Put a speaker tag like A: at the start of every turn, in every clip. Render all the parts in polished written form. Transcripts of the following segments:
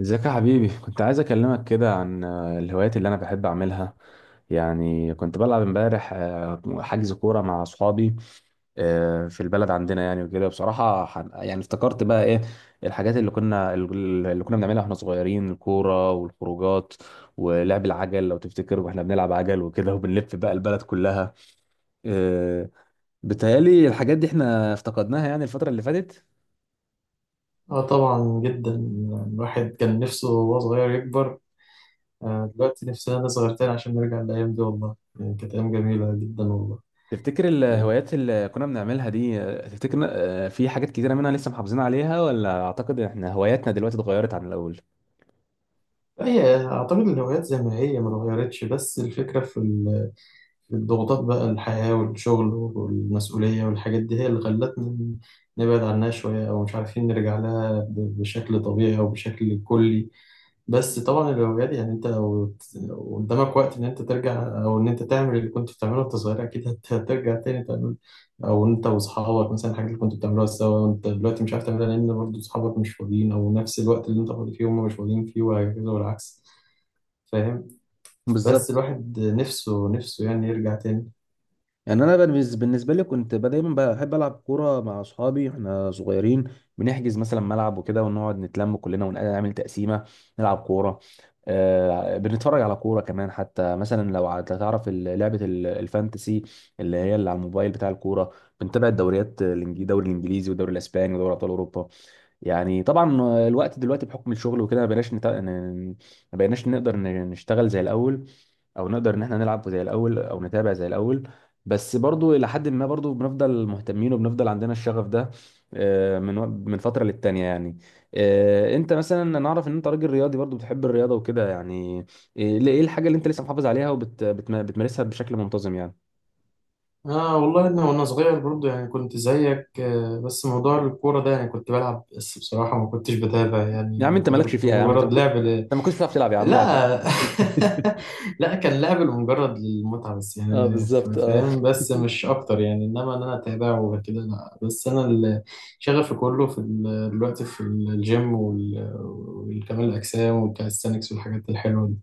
A: ازيك يا حبيبي، كنت عايز اكلمك كده عن الهوايات اللي انا بحب اعملها. يعني كنت بلعب امبارح حجز كوره مع اصحابي في البلد عندنا يعني وكده، بصراحه يعني افتكرت بقى ايه الحاجات اللي كنا بنعملها واحنا صغيرين: الكوره والخروجات ولعب العجل. لو تفتكر واحنا بنلعب عجل وكده وبنلف بقى البلد كلها. آه، بتهيألي الحاجات دي احنا افتقدناها يعني الفتره اللي فاتت.
B: اه طبعا جدا. الواحد كان نفسه وهو صغير يكبر. دلوقتي نفسنا نصغر تاني عشان نرجع للأيام دي، والله يعني كانت أيام جميلة جدا والله.
A: تفتكر الهوايات اللي كنا بنعملها دي تفتكر، في حاجات كتيرة منها لسه محافظين عليها، ولا أعتقد إن إحنا هواياتنا دلوقتي اتغيرت عن الأول؟
B: هي أعتقد الهوايات زي ما هي ما اتغيرتش، بس الفكرة في الضغوطات بقى، الحياة والشغل والمسؤولية والحاجات دي هي اللي خلتنا نبعد عنها شوية، أو مش عارفين نرجع لها بشكل طبيعي أو بشكل كلي. بس طبعا الهوايات، يعني انت لو قدامك وقت ان انت ترجع او ان انت تعمل اللي كنت بتعمله وانت صغير، اكيد هترجع تاني تعمل، او انت واصحابك مثلا الحاجات اللي كنت بتعملوها سوا وانت دلوقتي مش عارف تعملها، لان برضه اصحابك مش فاضيين، او نفس الوقت اللي انت فاضي فيه هم مش فاضيين فيه، وهكذا والعكس، فاهم. بس
A: بالظبط.
B: الواحد نفسه نفسه يعني يرجع تاني.
A: يعني انا بالنسبه لي كنت دايما بحب العب كوره مع اصحابي احنا صغيرين. بنحجز مثلا ملعب وكده ونقعد نتلم كلنا ونعمل تقسيمه نلعب كوره. آه، بنتفرج على كوره كمان. حتى مثلا لو تعرف لعبه الفانتسي، اللي هي اللي على الموبايل بتاع الكوره. بنتابع الدوريات الدوري الانجليزي والدوري الاسباني ودوري ابطال اوروبا. يعني طبعا الوقت دلوقتي بحكم الشغل وكده ما بقيناش نقدر نشتغل زي الاول، او نقدر ان احنا نلعب زي الاول او نتابع زي الاول. بس برضو الى حد ما برضو بنفضل مهتمين وبنفضل عندنا الشغف ده من فتره للتانيه يعني. انت مثلا، انا اعرف ان انت راجل رياضي برضو بتحب الرياضه وكده يعني، إيه الحاجه اللي انت لسه محافظ عليها وبتمارسها بشكل منتظم يعني؟
B: اه والله انا وانا صغير برضه يعني كنت زيك، بس موضوع الكوره ده يعني كنت بلعب، بس بصراحه ما كنتش بتابع
A: يا
B: يعني،
A: عم
B: او
A: انت
B: كده
A: مالكش
B: كنت
A: فيها، يا عم انت ما
B: مجرد
A: كنت
B: لعب.
A: انت ما كنتش بتعرف تلعب يا عم اقعد بقى.
B: لا لا، كان لعب لمجرد المتعة بس
A: اه
B: يعني،
A: بالظبط، اه.
B: فاهم، بس مش أكتر يعني، إنما إن أنا أتابعه وكده لا. بس أنا شغفي كله دلوقتي في الجيم والكمال الأجسام والكاليستانكس والحاجات الحلوة دي.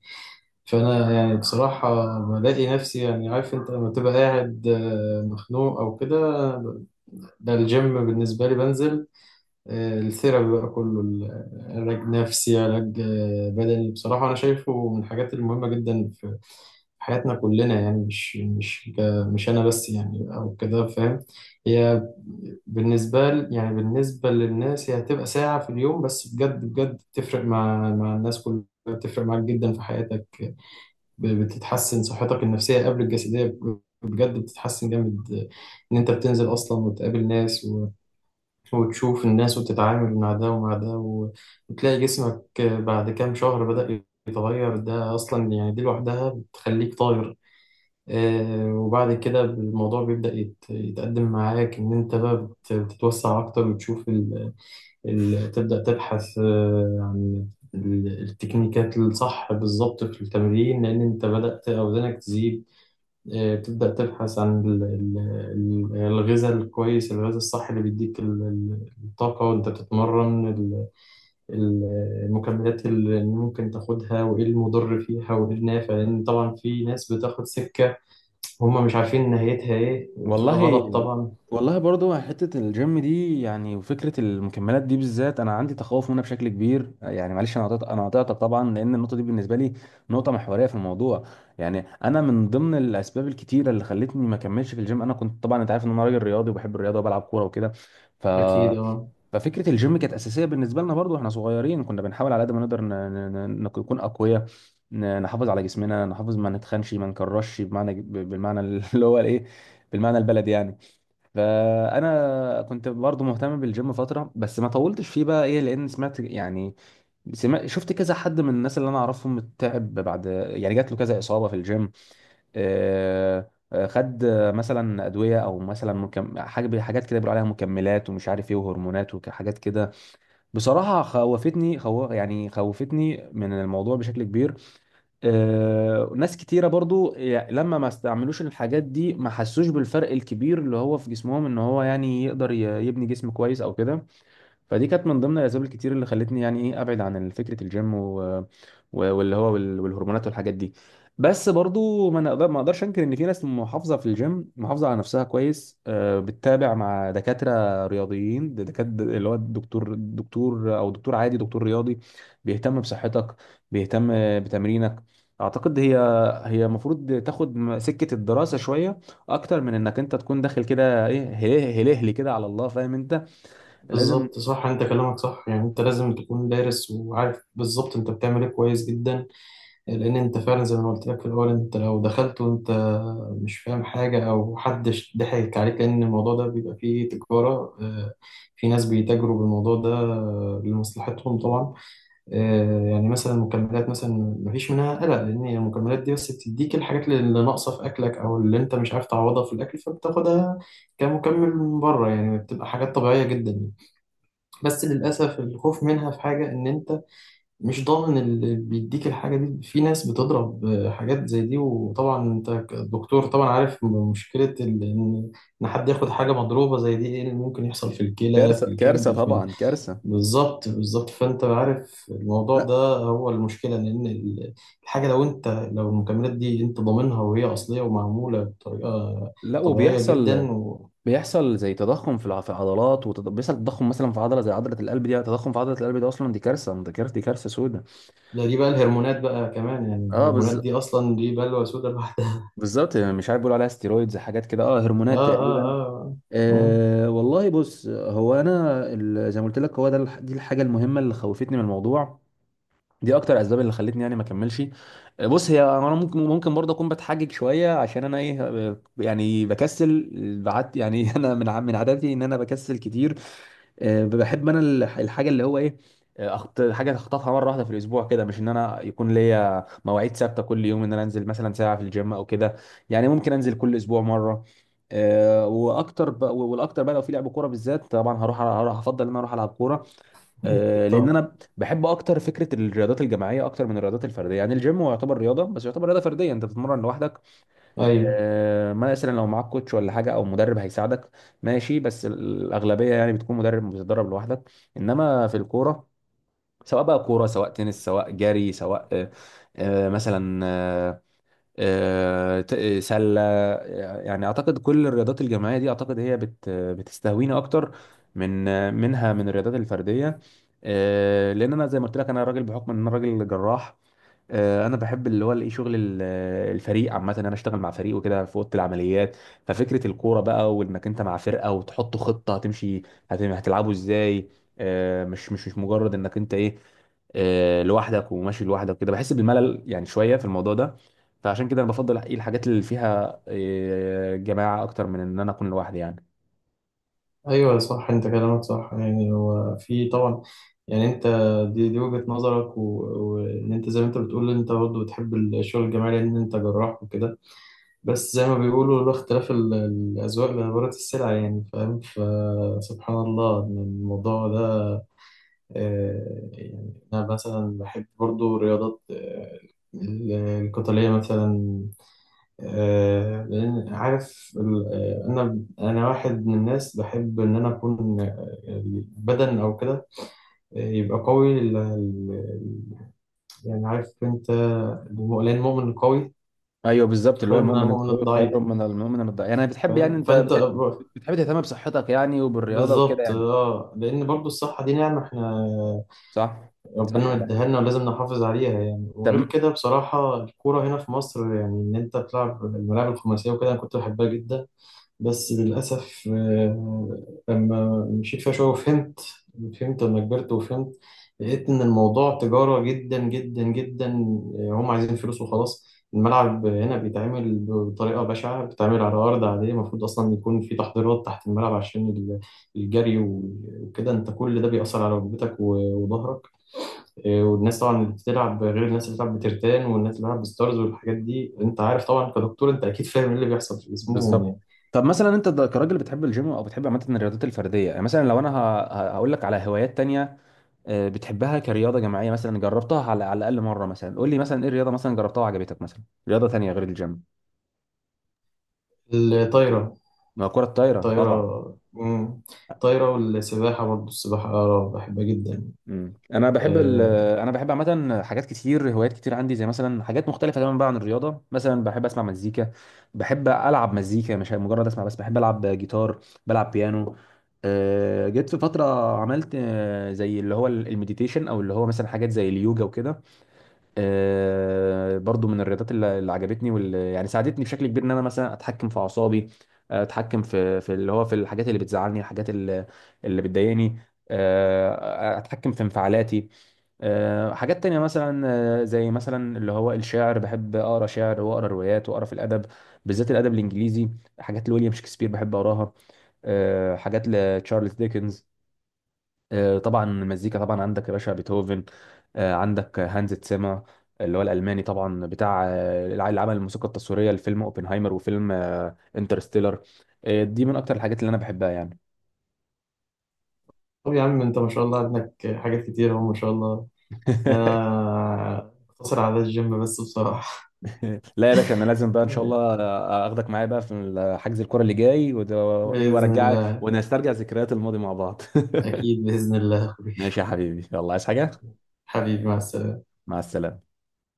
B: فأنا يعني بصراحة بلاقي نفسي، يعني عارف أنت لما تبقى قاعد مخنوق أو كده، ده الجيم بالنسبة لي بنزل. الثيرابي بقى، كله علاج نفسي، علاج بدني، بصراحة أنا شايفه من الحاجات المهمة جدا في حياتنا كلنا، يعني مش مش أنا بس يعني، أو كده فاهم. هي يعني بالنسبة للناس، هي هتبقى ساعة في اليوم بس، بجد بجد بتفرق مع الناس كلها، بتفرق معاك جدا في حياتك. بتتحسن صحتك النفسية قبل الجسدية، بجد بتتحسن جامد. إن أنت بتنزل أصلا وتقابل ناس، وتشوف الناس وتتعامل مع ده ومع ده، وتلاقي جسمك بعد كام شهر بدأ يتغير، ده أصلا يعني دي لوحدها بتخليك طاير. وبعد كده الموضوع بيبدأ يتقدم معاك، إن أنت بقى بتتوسع أكتر وتشوف تبدأ تبحث عن التكنيكات الصح بالظبط في التمرين، لأن أنت بدأت أوزانك تزيد. بتبدأ تبحث عن الغذاء الكويس، الغذاء الصح اللي بيديك الطاقة وانت بتتمرن، المكملات اللي ممكن تاخدها، وايه المضر فيها وايه النافع، لان طبعا في ناس بتاخد سكة هما مش عارفين نهايتها ايه، وبتبقى
A: والله،
B: غلط طبعا.
A: والله برضو حتة الجيم دي يعني وفكرة المكملات دي بالذات أنا عندي تخوف منها بشكل كبير. يعني معلش، أنا قطعتك طبعا لأن النقطة دي بالنسبة لي نقطة محورية في الموضوع. يعني أنا من ضمن الأسباب الكتيرة اللي خلتني ما أكملش في الجيم، أنا كنت طبعا أنت عارف إن أنا راجل رياضي وبحب الرياضة وبلعب كورة وكده. ف...
B: اكيد، اه
A: ففكرة الجيم كانت أساسية بالنسبة لنا برضو إحنا صغيرين. كنا بنحاول على قد ما نقدر نكون أقوياء، نحافظ على جسمنا، نحافظ ما نتخنش ما نكرش بمعنى بالمعنى اللي هو الإيه، بالمعنى البلدي يعني. فانا كنت برضو مهتم بالجيم فتره، بس ما طولتش فيه بقى ايه، لان سمعت يعني، سمعت شفت كذا حد من الناس اللي انا اعرفهم تعب بعد، يعني جات له كذا اصابه في الجيم. خد مثلا ادويه، او مثلا حاجه حاجات كده بيقولوا عليها مكملات ومش عارف ايه، وهرمونات وحاجات كده. بصراحه خوفتني يعني خوفتني من الموضوع بشكل كبير. ناس كتيرة برضو لما ما استعملوش الحاجات دي ما حسوش بالفرق الكبير اللي هو في جسمهم، ان هو يعني يقدر يبني جسم كويس او كده. فدي كانت من ضمن الاسباب الكتير اللي خلتني يعني ايه ابعد عن فكره الجيم والهرمونات والحاجات دي. بس برضو ما اقدرش انكر ان في ناس محافظه في الجيم، محافظه على نفسها كويس. بتتابع مع دكاتره رياضيين، دكاتره اللي هو الدكتور، دكتور او دكتور عادي دكتور رياضي، بيهتم بصحتك، بيهتم بتمرينك. اعتقد هي، هي المفروض تاخد سكه الدراسه شويه اكتر من انك انت تكون داخل كده ايه، هلهلي كده على الله، فاهم انت. لازم.
B: بالظبط، صح انت كلامك صح، يعني انت لازم تكون دارس وعارف بالظبط انت بتعمل ايه كويس جدا، لان انت فعلا زي ما قلت لك في الاول، انت لو دخلت وانت مش فاهم حاجه او حدش ضحك عليك، لان الموضوع ده بيبقى فيه تجاره. في ناس بيتاجروا بالموضوع ده لمصلحتهم طبعا. يعني مثلا المكملات مثلا، مفيش منها قلق، لان المكملات دي بس بتديك الحاجات اللي ناقصه في اكلك، او اللي انت مش عارف تعوضها في الاكل، فبتاخدها كمكمل من بره، يعني بتبقى حاجات طبيعيه جدا. بس للاسف الخوف منها في حاجه، ان انت مش ضامن اللي بيديك الحاجة دي، في ناس بتضرب حاجات زي دي، وطبعا انت كدكتور طبعا عارف مشكلة ان إن حد ياخد حاجة مضروبة زي دي، ايه اللي ممكن يحصل في الكلى، في
A: كارثة، كارثة
B: الكبد،
A: طبعا، كارثة.
B: بالظبط بالظبط. فانت عارف الموضوع
A: لا.
B: ده هو المشكلة، لان الحاجة، لو المكملات دي انت ضامنها وهي اصلية ومعمولة بطريقة
A: لا
B: طبيعية
A: وبيحصل.
B: جدا
A: بيحصل زي تضخم في في العضلات، وبيحصل تضخم مثلا في عضلة زي عضلة القلب دي، تضخم في عضلة القلب دي، أصلا دي كارثة، دي كارثة، دي كارثة سودة.
B: دي بقى الهرمونات بقى كمان، يعني
A: اه
B: الهرمونات
A: بز...
B: دي اصلا دي بلوى سودا لوحدها.
A: بالظبط. يعني مش عارف بيقولوا عليها ستيرويدز حاجات كده، اه
B: اه،
A: هرمونات
B: اه،
A: تقريبا.
B: اه. آه.
A: آه، والله بص، هو أنا زي ما قلت لك، هو ده دي الحاجة المهمة اللي خوفتني من الموضوع، دي اكتر اسباب اللي خلتني يعني ما اكملش. بص، هي انا ممكن، ممكن برضه اكون بتحجج شويه عشان انا ايه، يعني بكسل بعد يعني انا من من عاداتي ان انا بكسل كتير. بحب انا الحاجه اللي هو ايه، حاجه اخطفها مره واحده في الاسبوع كده، مش ان انا يكون ليا مواعيد ثابته كل يوم، ان انا انزل مثلا ساعه في الجيم او كده. يعني ممكن انزل كل اسبوع مره. والاكتر بقى لو في لعب كوره بالذات طبعا هروح، افضل ان انا اروح العب كوره.
B: أكيد
A: لان
B: طبعا.
A: انا بحب اكتر فكره الرياضات الجماعيه اكتر من الرياضات الفرديه. يعني الجيم هو يعتبر رياضه، بس يعتبر رياضه فرديه، انت بتتمرن لوحدك.
B: أيوه،
A: مثلا لو معاك كوتش ولا حاجه او مدرب هيساعدك، ماشي، بس الاغلبيه يعني بتكون مدرب بتتدرب لوحدك. انما في الكوره، سواء بقى كوره سواء تنس سواء جري سواء آه، آه، مثلا آه، آه، ت- آه، سلة، يعني أعتقد كل الرياضات الجماعية دي أعتقد هي بتستهويني أكتر من آه، منها من الرياضات الفردية. لأن أنا زي ما قلت لك، أنا راجل بحكم إن أنا راجل جراح. انا بحب اللي هو الايه شغل الفريق عامه، ان انا اشتغل مع فريق وكده في اوضه العمليات. ففكره الكوره بقى، وانك انت مع فرقه وتحط خطه هتمشي هتلعبوا ازاي. مش مجرد انك انت ايه، لوحدك وماشي لوحدك كده، بحس بالملل يعني شويه في الموضوع ده. فعشان كده انا بفضل الحاجات اللي فيها جماعه اكتر من ان انا اكون لوحدي يعني.
B: أيوه صح، أنت كلامك صح، يعني هو في طبعا، يعني أنت دي وجهة نظرك، وإن أنت زي ما أنت بتقول أنت برضه بتحب الشغل الجماعي لأن أنت جراح وكده. بس زي ما بيقولوا، لولا اختلاف الأذواق لبارت السلع، يعني فاهم، فسبحان الله إن الموضوع ده. يعني أنا مثلا بحب برضه رياضات القتالية مثلا، لأن عارف أنا واحد من الناس بحب إن أنا أكون البدن أو كده، يبقى قوي يعني عارف أنت، لأن المؤمن القوي
A: ايوه بالظبط، اللي هو
B: خير من
A: المؤمن
B: المؤمن
A: القوي خير
B: الضعيف،
A: من المؤمن الضعيف. يعني بتحب، يعني
B: فاهم
A: انت
B: فأنت
A: بتحب تهتم بصحتك يعني وبالرياضه وكده
B: بالظبط.
A: يعني.
B: اه، لأن برضو الصحة دي نعمة احنا
A: صح. صح،
B: ربنا
A: ده حقيقي.
B: مديها لنا، ولازم نحافظ عليها يعني، وغير
A: طب.
B: كده بصراحة الكورة هنا في مصر، يعني إن أنت تلعب الملاعب الخماسية وكده، أنا كنت بحبها جدا. بس للأسف، لما مشيت فيها شوية وفهمت، فهمت لما كبرت وفهمت، لقيت إن الموضوع تجارة جدا جدا جدا. هم عايزين فلوس وخلاص. الملعب هنا بيتعمل بطريقة بشعة، بيتعمل على أرض عادية، المفروض أصلا يكون في تحضيرات تحت الملعب عشان الجري وكده، أنت كل ده بيأثر على ركبتك وظهرك. والناس طبعا اللي بتلعب غير الناس اللي بتلعب بترتان، والناس اللي بتلعب بستارز والحاجات دي، أنت عارف طبعا كدكتور أنت أكيد فاهم إيه اللي بيحصل في جسمهم
A: بالظبط.
B: يعني.
A: طب مثلا انت كراجل بتحب الجيم او بتحب عامه الرياضات الفرديه يعني، مثلا لو انا هقول لك على هوايات تانية بتحبها كرياضه جماعيه، مثلا جربتها على، على الاقل مره، مثلا قول لي مثلا ايه الرياضه مثلا جربتها وعجبتك، مثلا رياضه تانية غير الجيم.
B: الطايرة.
A: ما هو كره الطايره طبعا.
B: طايرة، مم. طايرة والسباحة، برضه السباحة أه بحبها جدا.
A: مم. انا بحب
B: آه.
A: انا بحب عامه حاجات كتير، هوايات كتير عندي، زي مثلا حاجات مختلفه تماما بقى عن الرياضه. مثلا بحب اسمع مزيكا، بحب العب مزيكا مش مجرد اسمع بس، بحب العب جيتار، بلعب بيانو. جيت في فتره عملت زي اللي هو المديتيشن، او اللي هو مثلا حاجات زي اليوجا وكده. برضو من الرياضات اللي عجبتني، واللي يعني ساعدتني بشكل كبير ان انا مثلا اتحكم في اعصابي، اتحكم في اللي هو في الحاجات اللي بتزعلني، الحاجات اللي بتضايقني، اتحكم في انفعالاتي. حاجات تانية مثلا زي مثلا اللي هو الشعر، بحب اقرا شعر واقرا روايات واقرا في الادب، بالذات الادب الانجليزي. حاجات لويليام شكسبير بحب اقراها، حاجات لتشارلز ديكنز. طبعا المزيكا، طبعا عندك يا باشا بيتهوفن، عندك هانز تسيما اللي هو الالماني، طبعا بتاع اللي عمل الموسيقى التصويريه لفيلم اوبنهايمر وفيلم انترستيلر. دي من اكتر الحاجات اللي انا بحبها يعني.
B: طب يا عم أنت ما شاء الله عندك حاجات كتير أهو، ما شاء الله. أنا أقتصر على الجيم بس بصراحة.
A: لا يا باشا، انا لازم بقى ان شاء
B: آه.
A: الله اخدك معايا بقى في حجز الكرة اللي جاي وايه،
B: بإذن
A: وارجعك
B: الله.
A: ونسترجع ذكريات الماضي مع بعض.
B: أكيد بإذن الله يا أخوي.
A: ماشي يا حبيبي، يلا عايز حاجه؟
B: حبيبي، مع السلامة.
A: مع السلامه.